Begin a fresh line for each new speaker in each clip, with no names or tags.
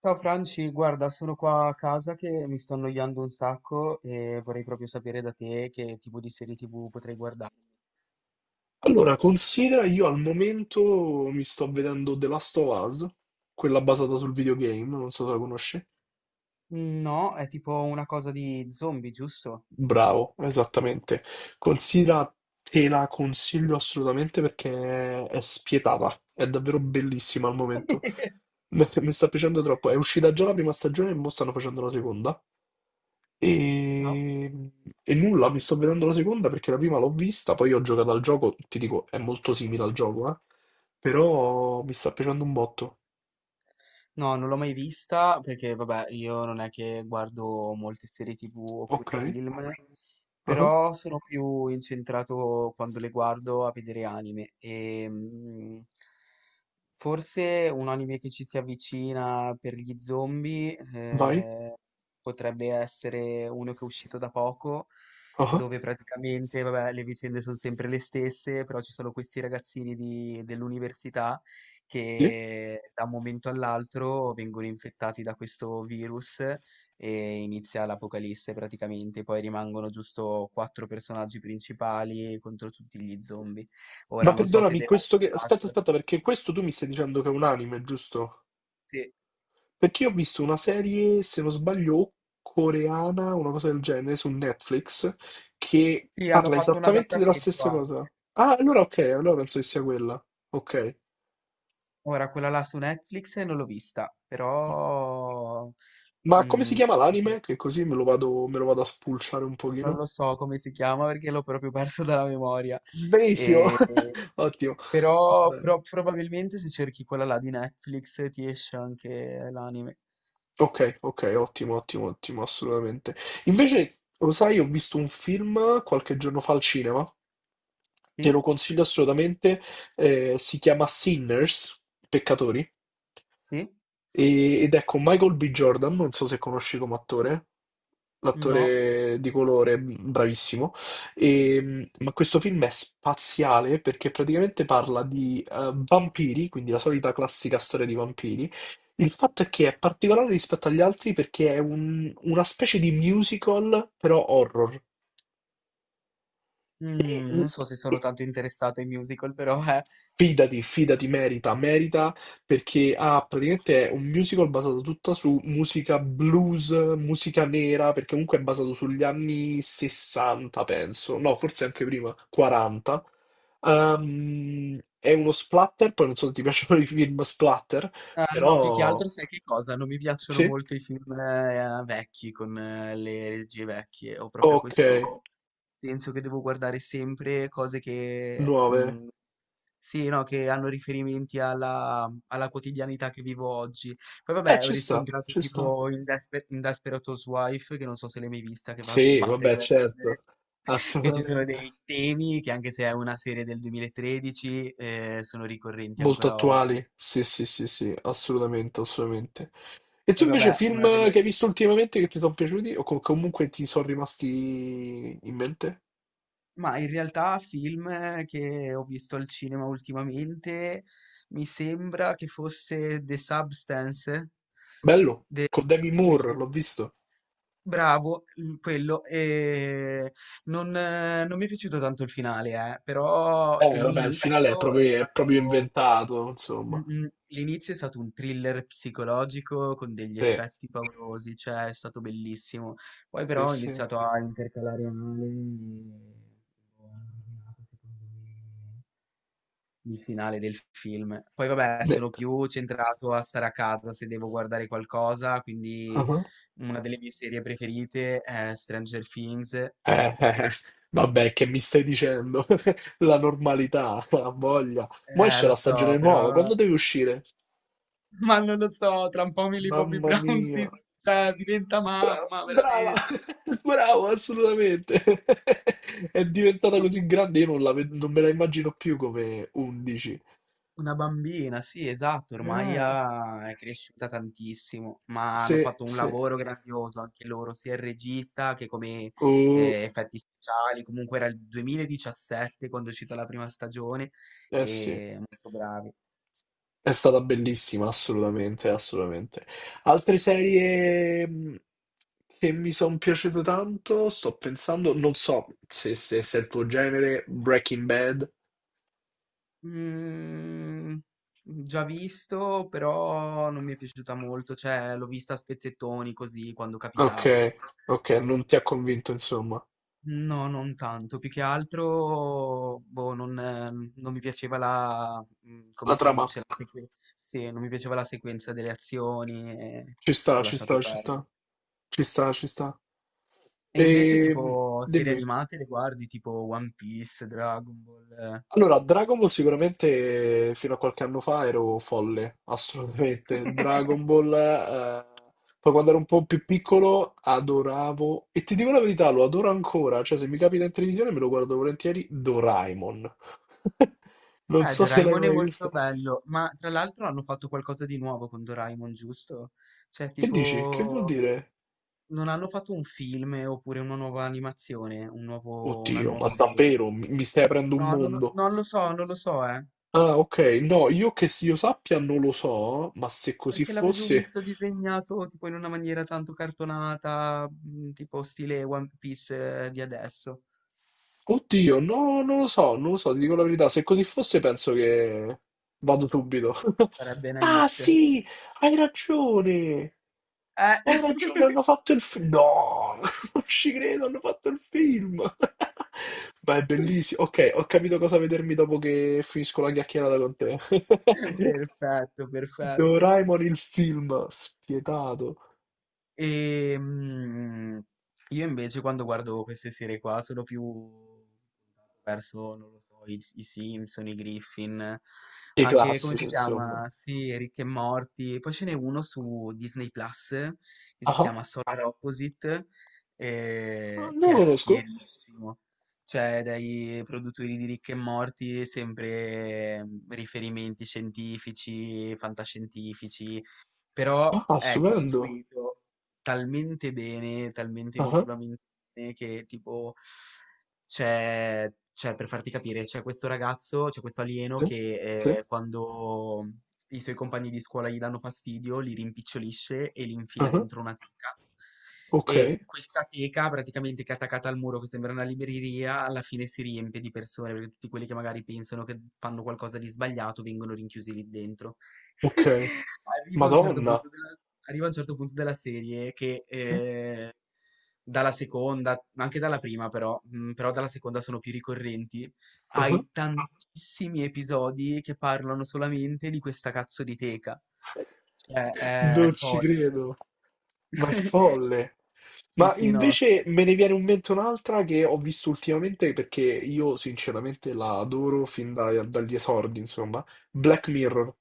Ciao Franci, guarda, sono qua a casa che mi sto annoiando un sacco e vorrei proprio sapere da te che tipo di serie TV potrei guardare.
Allora, considera io al momento mi sto vedendo The Last of Us, quella basata sul videogame, non so se la conosci.
Mm, no, è tipo una cosa di zombie, giusto?
Bravo, esattamente. Considera, te la consiglio assolutamente perché è spietata, è davvero bellissima al momento. Mi sta piacendo troppo. È uscita già la prima stagione e mo stanno facendo la seconda.
No?
E... e nulla, mi sto vedendo la seconda perché la prima l'ho vista, poi ho giocato al gioco, ti dico, è molto simile al gioco, eh? Però mi sta piacendo un botto.
No, non l'ho mai vista perché, vabbè, io non è che guardo molte serie TV oppure
Ok,
film,
ah,
però sono più incentrato quando le guardo a vedere anime. Forse un anime che ci si avvicina per gli zombie
vai,
eh, potrebbe essere uno che è uscito da poco,
ah,
dove praticamente, vabbè, le vicende sono sempre le stesse, però ci sono questi ragazzini dell'università
sì.
che da un momento all'altro vengono infettati da questo virus e inizia l'apocalisse praticamente. Poi rimangono giusto quattro personaggi principali contro tutti gli zombie.
Ma
Ora non so se
perdonami,
The Last of
aspetta,
Us...
aspetta, perché questo tu mi stai dicendo che è un anime, giusto?
Sì.
Perché io ho visto una serie, se non sbaglio, coreana, una cosa del genere, su Netflix, che
Sì, hanno
parla
fatto un
esattamente della
adattamento
stessa cosa.
anche.
Ah, allora ok, allora penso che sia quella. Ok.
Ora, quella là su Netflix non l'ho vista, però
Ma come si
mm,
chiama
penso
l'anime?
che-
Che così me lo vado a spulciare un
non
pochino.
lo so come si chiama perché l'ho proprio perso dalla memoria.
Benissimo,
E-
ottimo. Va
però
bene.
probabilmente se cerchi quella là di Netflix ti esce anche l'anime.
Ok, ok, ottimo, ottimo, ottimo, assolutamente. Invece, lo sai, ho visto un film qualche giorno fa al cinema, te lo
Sì?
consiglio assolutamente, si chiama Sinners, Peccatori.
Sì?
Ed è con Michael B. Jordan, non so se conosci come attore,
No.
l'attore di colore, bravissimo. E, ma questo film è spaziale perché praticamente parla di vampiri, quindi la solita classica storia di vampiri. Il fatto è che è particolare rispetto agli altri perché è una specie di musical, però horror. E,
Mm, non so se
e-
sono tanto interessato ai musical, però.
Fidati, fidati, merita, merita perché ha praticamente è un musical basato tutta su musica blues, musica nera, perché comunque è basato sugli anni 60, penso, no, forse anche prima, 40. È uno splatter, poi non so se ti piacciono i film splatter,
No, più che
però
altro sai che cosa? Non mi piacciono
sì,
molto i film, vecchi con le regie vecchie. Ho proprio
ok,
questo senso che devo guardare sempre cose che,
9.
sì, no, che hanno riferimenti alla quotidianità che vivo oggi. Poi vabbè, ho
Ci sta,
riscontrato
ci sta.
tipo in Desperate Housewife, che non so se l'hai mai vista, che va a
Sì,
sbattere
vabbè,
da
certo,
ridere. Che ci sono
assolutamente.
dei temi che anche se è una serie del 2013 , sono ricorrenti
Molto
ancora oggi.
attuali, sì, sì, sì, sì, assolutamente, assolutamente. E tu
Poi
invece
vabbè, una
film che
delle
hai visto ultimamente che ti sono piaciuti o comunque ti sono rimasti in mente?
ma in realtà film che ho visto al cinema ultimamente, mi sembra che fosse The Substance,
Bello,
de-
con Demi
mi
Moore, l'ho
sem-
visto.
bravo, quello, e non mi è piaciuto tanto il finale, però
Vabbè, il finale è
l'inizio è
proprio, è proprio
stato...
inventato, insomma.
Mh-mh. L'inizio è stato un thriller psicologico con degli
Sì,
effetti paurosi, cioè è stato bellissimo. Poi
sì,
però ho
sì.
iniziato a intercalare male e ho rovinato secondo me il finale del film. Poi vabbè,
Ne-
sono più centrato a stare a casa se devo guardare qualcosa,
Ah.
quindi una delle mie serie preferite è Stranger Things.
Eh. Vabbè, che mi stai dicendo? La normalità, ha voglia. Mo' esce
Lo
la stagione
so,
nuova,
però
quando deve uscire?
ma non lo so, tra un po' Millie Bobby
Mamma
Brown si
mia.
s cioè diventa
Bra-
mamma,
Brava,
veramente.
bravo, assolutamente. È diventata
Sì.
così grande. Io non, la ved- Non me la immagino più come 11.
Una bambina, sì, esatto, ormai
Eh,
è cresciuta tantissimo, ma hanno
sì,
fatto un
sì.
lavoro grandioso anche loro, sia il regista che come
Oh,
effetti speciali, comunque era il 2017 quando è uscita la prima stagione
eh sì,
e molto bravi.
è stata bellissima, assolutamente, assolutamente. Altre serie che mi sono piaciute tanto, sto pensando, non so se è il tuo genere, Breaking Bad.
Mm, già visto, però non mi è piaciuta molto, cioè l'ho vista a spezzettoni così quando
Ok,
capitava.
ok, non ti ha convinto, insomma,
No, non tanto, più che altro, boh, non mi piaceva come
la
si
trama.
dice, sì, non mi piaceva la sequenza delle azioni e
Ci sta,
ho
ci
lasciato
sta, ci
perdere.
sta. Ci sta, ci sta.
E invece
E
tipo serie
dimmi.
animate le guardi, tipo One Piece, Dragon Ball. Eh,
Allora, Dragon Ball sicuramente fino a qualche anno fa ero folle, assolutamente. Dragon Ball, poi quando ero un po' più piccolo adoravo, e ti dico la verità, lo adoro ancora, cioè se mi capita in televisione me lo guardo volentieri, Doraemon. Non
Eh,
so se l'hai
Doraemon è
mai
molto
visto.
bello, ma tra l'altro hanno fatto qualcosa di nuovo con Doraemon, giusto? Cioè,
Che dici? Che vuol
tipo,
dire?
non hanno fatto un film, oppure una nuova animazione, una
Oddio, ma
nuova serie.
davvero mi stai aprendo un
No, non lo,
mondo?
non lo so, non lo so, eh.
Ah, ok. No, io che si io sappia non lo so, ma se così
Perché l'avevo
fosse...
visto disegnato tipo in una maniera tanto cartonata, tipo stile One Piece, di adesso.
Oddio, no, non lo so, non lo so, ti dico la verità. Se così fosse penso che vado subito.
Sarebbe una
Ah,
hit.
sì, hai ragione.
Eh.
Hai ragione, hanno fatto il film. No, non ci credo, hanno fatto il film. Ma è bellissimo. Ok, ho capito cosa vedermi dopo che finisco la chiacchierata con te.
Perfetto, perfetto.
Doraemon il film, spietato.
Ehm, io invece quando guardo queste serie qua sono più verso, non lo so, i Simpson, i Griffin,
I
anche come
classici,
si chiama?
insomma.
Sì, Rick e Morty. Poi ce n'è uno su Disney Plus che
Ah,
si
ah,
chiama Solar Opposite,
ah, non
che
lo
è
conosco.
fierissimo. Cioè, dai produttori di Rick e Morty sempre riferimenti scientifici, fantascientifici però
Ah,
è
stupendo.
costruito talmente bene, talmente
Ah, ah,
emotivamente bene che tipo per farti capire, c'è questo ragazzo, c'è questo alieno
sì, sì,
che quando i suoi compagni di scuola gli danno fastidio, li rimpicciolisce e li
ah,
infila
ah.
dentro una teca.
Ok,
E questa teca, praticamente che è attaccata al muro, che sembra una libreria, alla fine si riempie di persone, perché tutti quelli che magari pensano che fanno qualcosa di sbagliato vengono rinchiusi lì dentro.
ok.
Arriva a un certo
Madonna.
punto della, arriva a un certo punto della serie che
Sì.
dalla seconda, ma anche dalla prima però dalla seconda sono più ricorrenti,
Ah, ah.
hai tantissimi episodi che parlano solamente di questa cazzo di teca. Cioè, è
Non ci
folle.
credo. Ma è folle.
Sì,
Ma
sì, no.
invece me ne viene in mente un'altra che ho visto ultimamente perché io sinceramente la adoro fin dagli esordi, insomma. Black Mirror.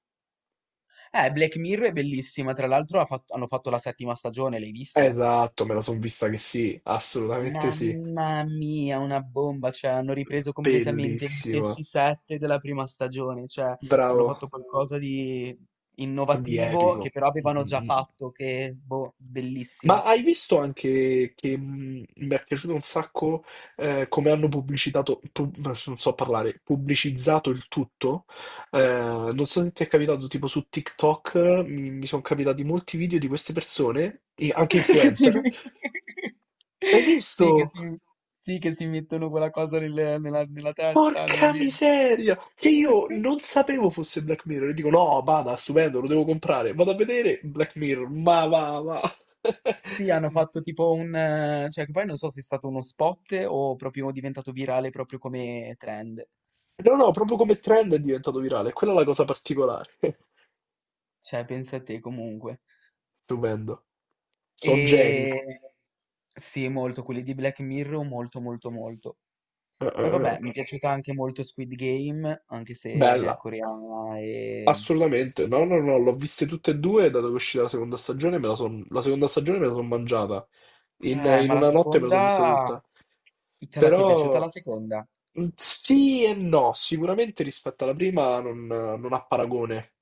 Black Mirror è bellissima, tra l'altro hanno fatto la settima stagione, l'hai vista?
Esatto, me la son vista che sì, assolutamente sì.
Mamma mia, una bomba, cioè hanno ripreso completamente gli
Bellissima.
stessi set della prima stagione, cioè hanno
Bravo.
fatto qualcosa di
Di
innovativo
epico.
che però
Mm,
avevano
mm,
già
mm.
fatto, che boh,
Ma
bellissima.
hai visto anche che mi è piaciuto un sacco come hanno pubblicitato, non so parlare, pubblicizzato il tutto? Non so se ti è capitato, tipo su TikTok mi sono capitati molti video di queste persone, e anche
Che si...
influencer. L'hai
Sì,
visto?
che si mettono quella cosa nella testa, nella
Porca
mente.
miseria! Che io non sapevo fosse Black Mirror. E dico, no, bada, stupendo, lo devo comprare. Vado a vedere Black Mirror, ma va, va.
Sì, hanno fatto tipo cioè che poi non so se è stato uno spot o proprio diventato virale proprio come trend.
No, no, proprio come trend è diventato virale. Quella è la cosa particolare.
Cioè, pensa a te comunque.
Stupendo. Sono geni.
Ehm, sì, molto, quelli di Black Mirror molto, molto, molto. Poi
Eh.
vabbè, mi è piaciuta anche molto Squid Game, anche se è
Bella.
coreana
Assolutamente. No, no, no, l'ho viste tutte e due, dato che è uscita la seconda stagione, la seconda stagione me la sono mangiata. In, in
ma la
una notte me la sono vista
seconda
tutta.
te la ti è piaciuta la
Però
seconda?
sì e no, sicuramente rispetto alla prima non ha paragone.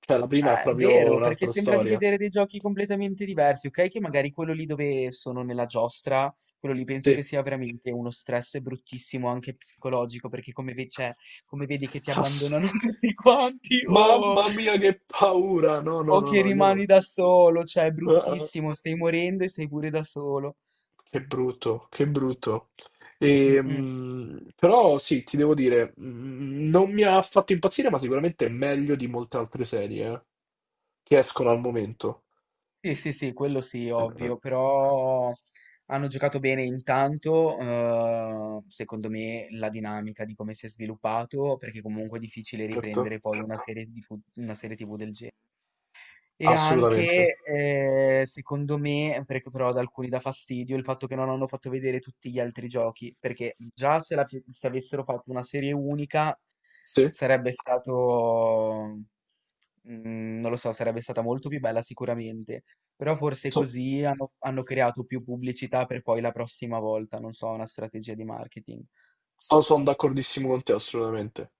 Cioè, la prima è proprio
Vero, perché
un'altra
sembra di
storia.
vedere dei giochi completamente diversi, ok? Che magari quello lì dove sono nella giostra, quello lì penso
Sì.
che sia veramente uno stress bruttissimo anche psicologico, perché cioè, come vedi che ti
Ass-
abbandonano tutti quanti, oh!
Mamma mia, che paura! No, no,
O
no,
che
no, io non...
rimani da solo, cioè è
Ah, ah,
bruttissimo, stai morendo e sei pure da solo.
che brutto, che brutto.
Mm,
E,
mm.
però sì, ti devo dire, non mi ha fatto impazzire, ma sicuramente è meglio di molte altre serie, che escono al momento.
Sì, sì, sì, quello sì,
Eh,
ovvio, però hanno giocato bene intanto, secondo me, la dinamica di come si è sviluppato, perché comunque è difficile
Certo,
riprendere poi una serie, una serie TV del genere. E
assolutamente.
anche, secondo me, perché però ad alcuni dà fastidio il fatto che non hanno fatto vedere tutti gli altri giochi, perché già se, la pi- se avessero fatto una serie unica
Sì,
sarebbe stato, non lo so, sarebbe stata molto più bella sicuramente, però forse così hanno creato più pubblicità per poi la prossima volta, non so, una strategia di marketing.
sono d'accordissimo con te, assolutamente.